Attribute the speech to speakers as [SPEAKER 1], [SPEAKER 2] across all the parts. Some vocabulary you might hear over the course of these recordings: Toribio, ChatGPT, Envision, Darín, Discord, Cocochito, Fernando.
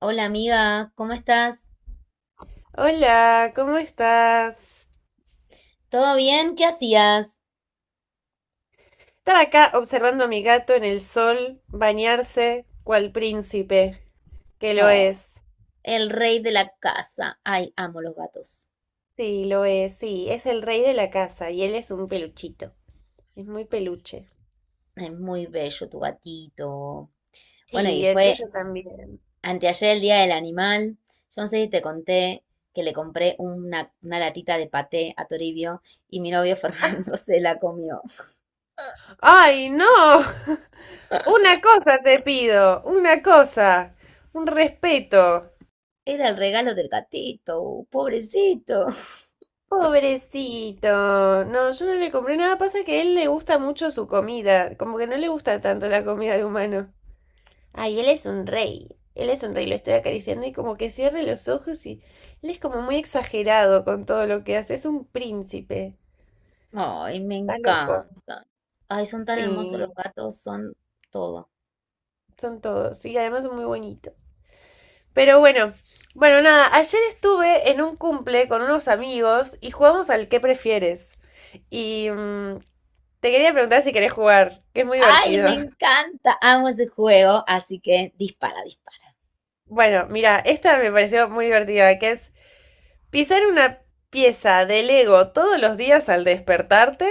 [SPEAKER 1] Hola amiga, ¿cómo estás?
[SPEAKER 2] Hola, ¿cómo estás?
[SPEAKER 1] ¿Todo bien? ¿Qué hacías?
[SPEAKER 2] Estaba acá observando a mi gato en el sol bañarse cual príncipe, que lo
[SPEAKER 1] Oh,
[SPEAKER 2] es.
[SPEAKER 1] el rey de la casa. Ay, amo los gatos.
[SPEAKER 2] Sí, lo es, sí, es el rey de la casa y él es un peluchito, es muy peluche.
[SPEAKER 1] Es muy bello tu gatito. Bueno, y
[SPEAKER 2] Sí, el
[SPEAKER 1] fue
[SPEAKER 2] tuyo también.
[SPEAKER 1] anteayer el Día del Animal. Yo no sé si te conté que le compré una latita de paté a Toribio y mi novio Fernando se la comió.
[SPEAKER 2] ¡Ay, no! Una cosa te pido, una cosa, un respeto.
[SPEAKER 1] Era el regalo del gatito, pobrecito.
[SPEAKER 2] Pobrecito. No, yo no le compré nada. Pasa que a él le gusta mucho su comida. Como que no le gusta tanto la comida de humano. Ay, él es un rey. Él es un rey, lo estoy acariciando y como que cierre los ojos y él es como muy exagerado con todo lo que hace. Es un príncipe.
[SPEAKER 1] Ay, me
[SPEAKER 2] Está loco.
[SPEAKER 1] encanta. Ay, son tan hermosos los
[SPEAKER 2] Sí,
[SPEAKER 1] gatos, son todo.
[SPEAKER 2] son todos. Y además son muy bonitos. Pero bueno, bueno, nada, ayer estuve en un cumple con unos amigos y jugamos al qué prefieres. Y mm, Te quería preguntar si querés jugar, que es muy
[SPEAKER 1] Ay,
[SPEAKER 2] divertido.
[SPEAKER 1] me encanta. Amo ese juego, así que dispara, dispara.
[SPEAKER 2] Bueno, mira, esta me pareció muy divertida, que es pisar una pieza de Lego todos los días al despertarte,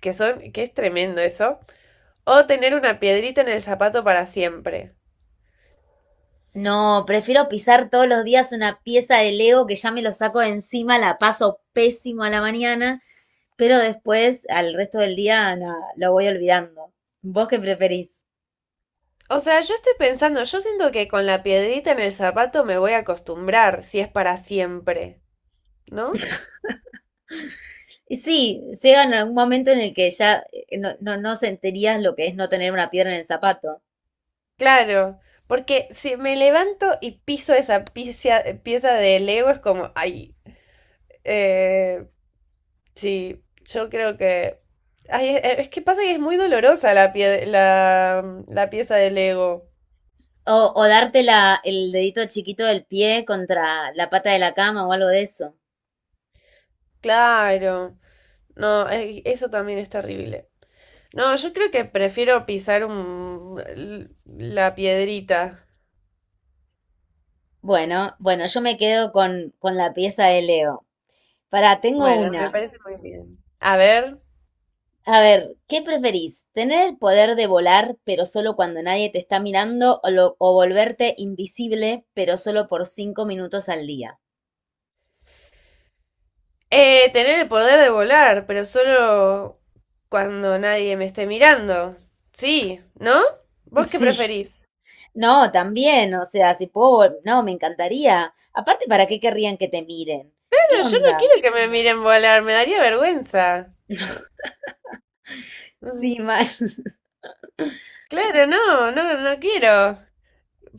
[SPEAKER 2] que es tremendo eso, o tener una piedrita en el zapato para siempre.
[SPEAKER 1] No, prefiero pisar todos los días una pieza de Lego que ya me lo saco de encima, la paso pésimo a la mañana, pero después, al resto del día, nada, lo voy olvidando. ¿Vos qué preferís?
[SPEAKER 2] O sea, yo estoy pensando, yo siento que con la piedrita en el zapato me voy a acostumbrar si es para siempre, ¿no?
[SPEAKER 1] Y sí, llega en algún momento en el que ya no, no, no sentirías lo que es no tener una piedra en el zapato.
[SPEAKER 2] Claro, porque si me levanto y piso esa pieza de Lego es como, ay, eh, sí, yo creo que... Ay, es que pasa que es muy dolorosa la pieza de Lego.
[SPEAKER 1] O darte la, el dedito chiquito del pie contra la pata de la cama o algo de eso.
[SPEAKER 2] Claro, no, eso también es terrible. No, yo creo que prefiero pisar la piedrita.
[SPEAKER 1] Bueno, bueno, yo me quedo con la pieza de Leo. Pará, tengo
[SPEAKER 2] Bueno, me
[SPEAKER 1] una.
[SPEAKER 2] parece muy bien. A ver,
[SPEAKER 1] A ver, ¿qué preferís? ¿Tener el poder de volar, pero solo cuando nadie te está mirando, o, o volverte invisible, pero solo por 5 minutos al día?
[SPEAKER 2] tener el poder de volar, pero solo cuando nadie me esté mirando. Sí, ¿no? ¿Vos qué
[SPEAKER 1] Sí,
[SPEAKER 2] preferís?
[SPEAKER 1] no, también, o sea, si puedo, no, me encantaría. Aparte, ¿para qué querrían que te miren? ¿Qué
[SPEAKER 2] Claro, yo no
[SPEAKER 1] onda?
[SPEAKER 2] quiero que me miren volar, me daría vergüenza. Mm,
[SPEAKER 1] Sí, mal.
[SPEAKER 2] Claro, no, no, no quiero.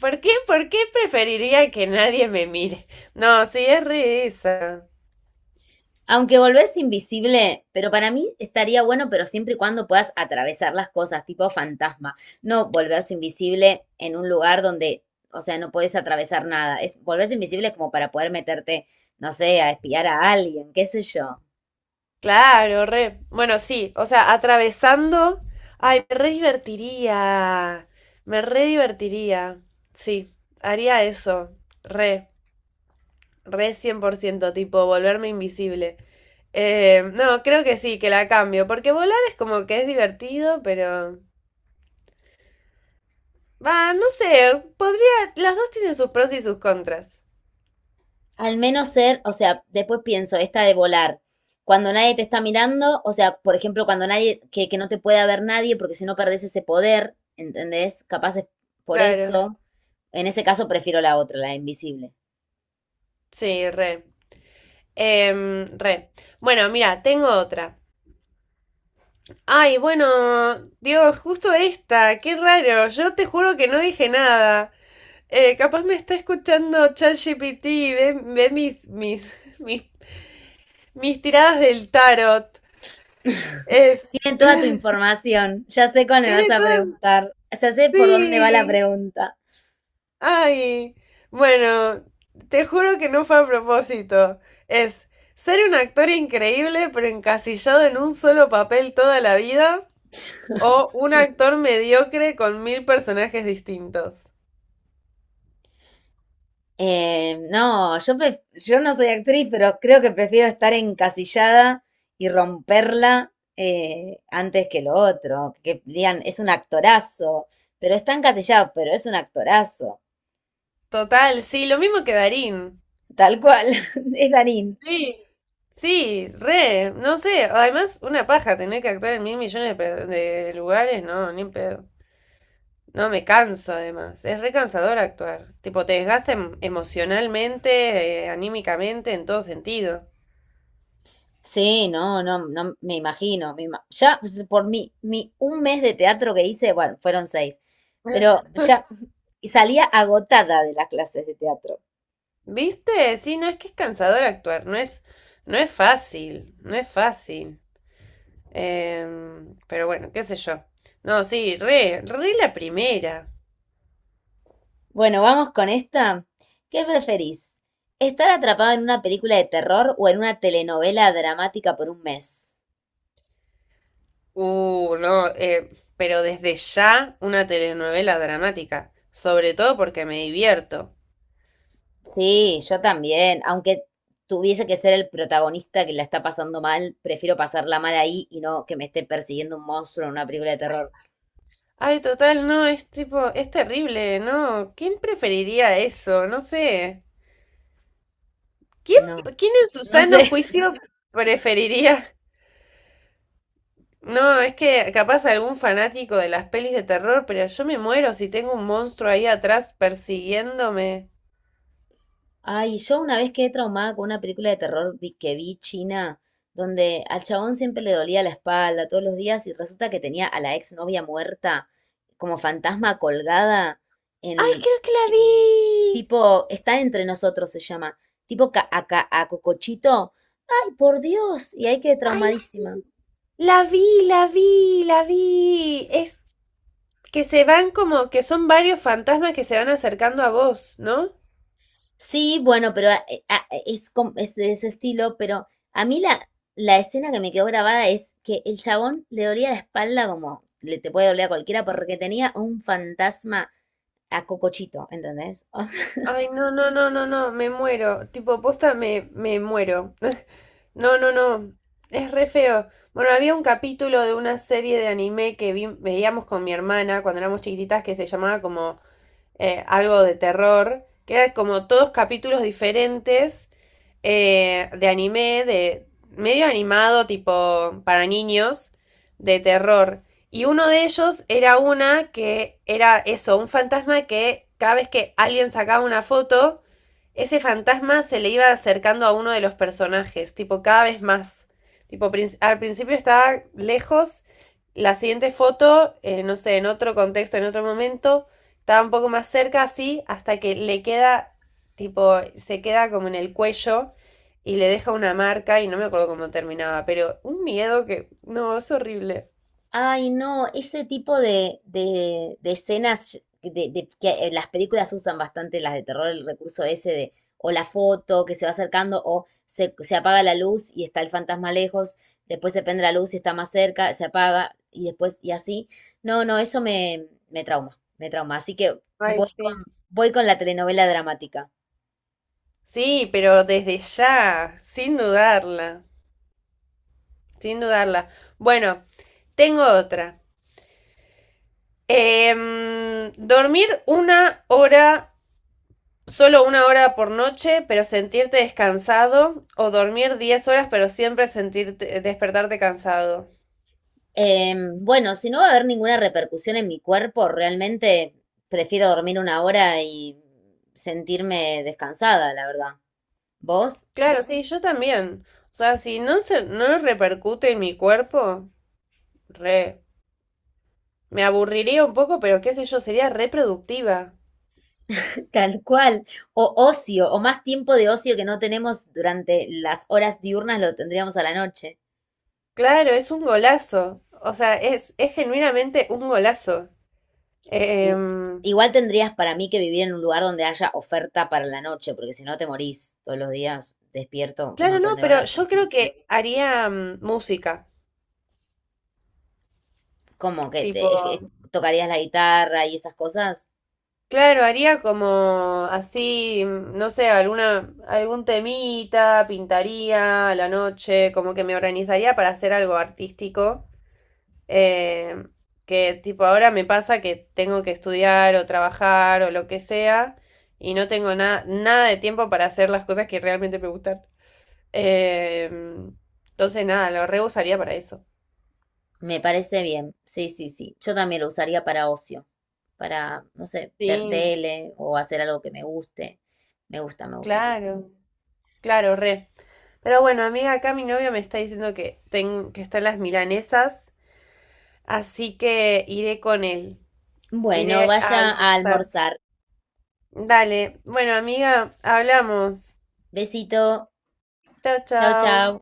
[SPEAKER 2] Por qué preferiría que nadie me mire? No, sí, es re esa.
[SPEAKER 1] Aunque volverse invisible, pero para mí estaría bueno, pero siempre y cuando puedas atravesar las cosas, tipo fantasma. No volverse invisible en un lugar donde, o sea, no puedes atravesar nada. Es volverse invisible como para poder meterte, no sé, a espiar a alguien, qué sé yo.
[SPEAKER 2] Claro, re. Bueno, sí, o sea, atravesando. Ay, me re divertiría. Me re divertiría. Sí, haría eso. Re, re 100%, tipo, volverme invisible. No, creo que sí, que la cambio, porque volar es como que es divertido, pero... Va, no sé, podría... Las dos tienen sus pros y sus contras.
[SPEAKER 1] Al menos ser, o sea, después pienso, esta de volar. Cuando nadie te está mirando, o sea, por ejemplo, cuando nadie, que no te pueda ver nadie, porque si no perdés ese poder, ¿entendés? Capaz es por
[SPEAKER 2] Claro,
[SPEAKER 1] eso. En ese caso prefiero la otra, la invisible.
[SPEAKER 2] sí, re. Re. Bueno, mira, tengo otra. Ay, bueno, Dios, justo esta, qué raro, yo te juro que no dije nada. Capaz me está escuchando ChatGPT y ve, ve mis, mis tiradas del tarot. Es.
[SPEAKER 1] Tiene toda tu información. Ya sé cuál me vas
[SPEAKER 2] Tiene
[SPEAKER 1] a
[SPEAKER 2] todo.
[SPEAKER 1] preguntar. Ya sé por dónde va la
[SPEAKER 2] Sí.
[SPEAKER 1] pregunta.
[SPEAKER 2] Ay. Bueno, te juro que no fue a propósito. Es ser un actor increíble pero encasillado en un solo papel toda la vida o un actor mediocre con mil personajes distintos.
[SPEAKER 1] No, yo, yo no soy actriz, pero creo que prefiero estar encasillada y romperla antes que lo otro. Que digan, es un actorazo, pero está encasillado, pero es un actorazo.
[SPEAKER 2] Total, sí, lo mismo que Darín.
[SPEAKER 1] Tal cual, es Darín.
[SPEAKER 2] Sí. Sí, re, no sé, además una paja tener que actuar en mil millones de lugares, no, ni en pedo. No, me canso además, es re cansador actuar, tipo te desgasta emocionalmente, anímicamente, en todo sentido.
[SPEAKER 1] Sí, no, no, no me imagino. Ya pues, por mi un mes de teatro que hice, bueno, fueron seis, pero ya y salía agotada de las clases de teatro.
[SPEAKER 2] ¿Viste? Sí, no es que es cansador actuar, no es fácil, no es fácil. Pero bueno, qué sé yo. No, sí, re, re la primera.
[SPEAKER 1] Bueno, vamos con esta. ¿Qué preferís? ¿Estar atrapado en una película de terror o en una telenovela dramática por un mes?
[SPEAKER 2] No, pero desde ya una telenovela dramática, sobre todo porque me divierto.
[SPEAKER 1] Sí, yo también. Aunque tuviese que ser el protagonista que la está pasando mal, prefiero pasarla mal ahí y no que me esté persiguiendo un monstruo en una película de terror.
[SPEAKER 2] Ay, total, no, es tipo, es terrible, ¿no? ¿Quién preferiría eso? No sé. ¿Quién,
[SPEAKER 1] No,
[SPEAKER 2] quién en su
[SPEAKER 1] no
[SPEAKER 2] sano
[SPEAKER 1] sé.
[SPEAKER 2] juicio preferiría? No, es que capaz algún fanático de las pelis de terror, pero yo me muero si tengo un monstruo ahí atrás persiguiéndome.
[SPEAKER 1] Ay, yo una vez quedé traumada con una película de terror que vi china, donde al chabón siempre le dolía la espalda todos los días y resulta que tenía a la exnovia muerta como fantasma colgada
[SPEAKER 2] Ay,
[SPEAKER 1] en
[SPEAKER 2] creo que la vi.
[SPEAKER 1] tipo, está entre nosotros se llama, tipo Cocochito. Ay, por Dios, y ahí quedé
[SPEAKER 2] Ay, sí.
[SPEAKER 1] traumadísima.
[SPEAKER 2] La vi, la vi, la vi. Es que se van como, que son varios fantasmas que se van acercando a vos, ¿no?
[SPEAKER 1] Sí, bueno, pero es, es de ese estilo, pero a mí la escena que me quedó grabada es que el chabón le dolía la espalda como le te puede doler a cualquiera porque tenía un fantasma a Cocochito, ¿entendés?
[SPEAKER 2] Ay, no, no, no, no, no, me muero. Tipo, posta, me muero. No, no, no. Es re feo. Bueno, había un capítulo de una serie de anime que veíamos con mi hermana cuando éramos chiquititas que se llamaba como algo de terror, que eran como todos capítulos diferentes, de anime, de medio animado, tipo para niños, de terror. Y uno de ellos era una que era eso, un fantasma que cada vez que alguien sacaba una foto, ese fantasma se le iba acercando a uno de los personajes, tipo cada vez más. Tipo, al principio estaba lejos, la siguiente foto, no sé, en otro contexto, en otro momento, estaba un poco más cerca así hasta que le queda, tipo, se queda como en el cuello y le deja una marca y no me acuerdo cómo terminaba, pero un miedo que, no, es horrible.
[SPEAKER 1] Ay, no, ese tipo de escenas que las películas usan bastante las de terror, el recurso ese de o la foto que se va acercando o se apaga la luz y está el fantasma lejos, después se prende la luz y está más cerca, se apaga y después y así. No, no, eso me trauma, me trauma. Así que
[SPEAKER 2] Ay,
[SPEAKER 1] voy con,
[SPEAKER 2] sí.
[SPEAKER 1] voy con la telenovela dramática.
[SPEAKER 2] Sí, pero desde ya, sin dudarla, sin dudarla. Bueno, tengo otra. Dormir una hora, solo una hora por noche, pero sentirte descansado, o dormir 10 horas, pero siempre sentirte, despertarte cansado.
[SPEAKER 1] Eh, bueno, si no va a haber ninguna repercusión en mi cuerpo, realmente prefiero dormir una hora y sentirme descansada, la verdad. ¿Vos?
[SPEAKER 2] Claro, sí, yo también. O sea, no repercute en mi cuerpo, re. Me aburriría un poco, pero qué sé yo, sería reproductiva.
[SPEAKER 1] Tal cual. O ocio, o más tiempo de ocio que no tenemos durante las horas diurnas lo tendríamos a la noche.
[SPEAKER 2] Claro, es un golazo. O sea, es genuinamente un golazo.
[SPEAKER 1] I-
[SPEAKER 2] Em,
[SPEAKER 1] Igual tendrías para mí que vivir en un lugar donde haya oferta para la noche, porque si no te morís todos los días, despierto un
[SPEAKER 2] claro,
[SPEAKER 1] montón
[SPEAKER 2] no,
[SPEAKER 1] de
[SPEAKER 2] pero
[SPEAKER 1] horas.
[SPEAKER 2] yo creo que haría mm, música.
[SPEAKER 1] ¿Cómo que
[SPEAKER 2] Tipo,
[SPEAKER 1] es que tocarías la guitarra y esas cosas?
[SPEAKER 2] claro, haría como así, mm, no sé, alguna, algún temita, pintaría a la noche, como que me organizaría para hacer algo artístico. Eh, que tipo ahora me pasa que tengo que estudiar o trabajar o lo que sea y no tengo nada nada de tiempo para hacer las cosas que realmente me gustan. Eh, entonces nada, lo re usaría para eso.
[SPEAKER 1] Me parece bien, sí, sí, sí. Yo también lo usaría para ocio, para, no sé, ver
[SPEAKER 2] Sí,
[SPEAKER 1] tele o hacer algo que me guste. Me gusta, me gusta.
[SPEAKER 2] claro, claro, re. Pero bueno, amiga, acá mi novio me está diciendo que están las milanesas, así que iré con él.
[SPEAKER 1] Bueno,
[SPEAKER 2] Iré a
[SPEAKER 1] vaya a
[SPEAKER 2] almorzar.
[SPEAKER 1] almorzar.
[SPEAKER 2] Dale. Bueno, amiga, hablamos.
[SPEAKER 1] Besito.
[SPEAKER 2] Chao,
[SPEAKER 1] Chao,
[SPEAKER 2] chao.
[SPEAKER 1] chao.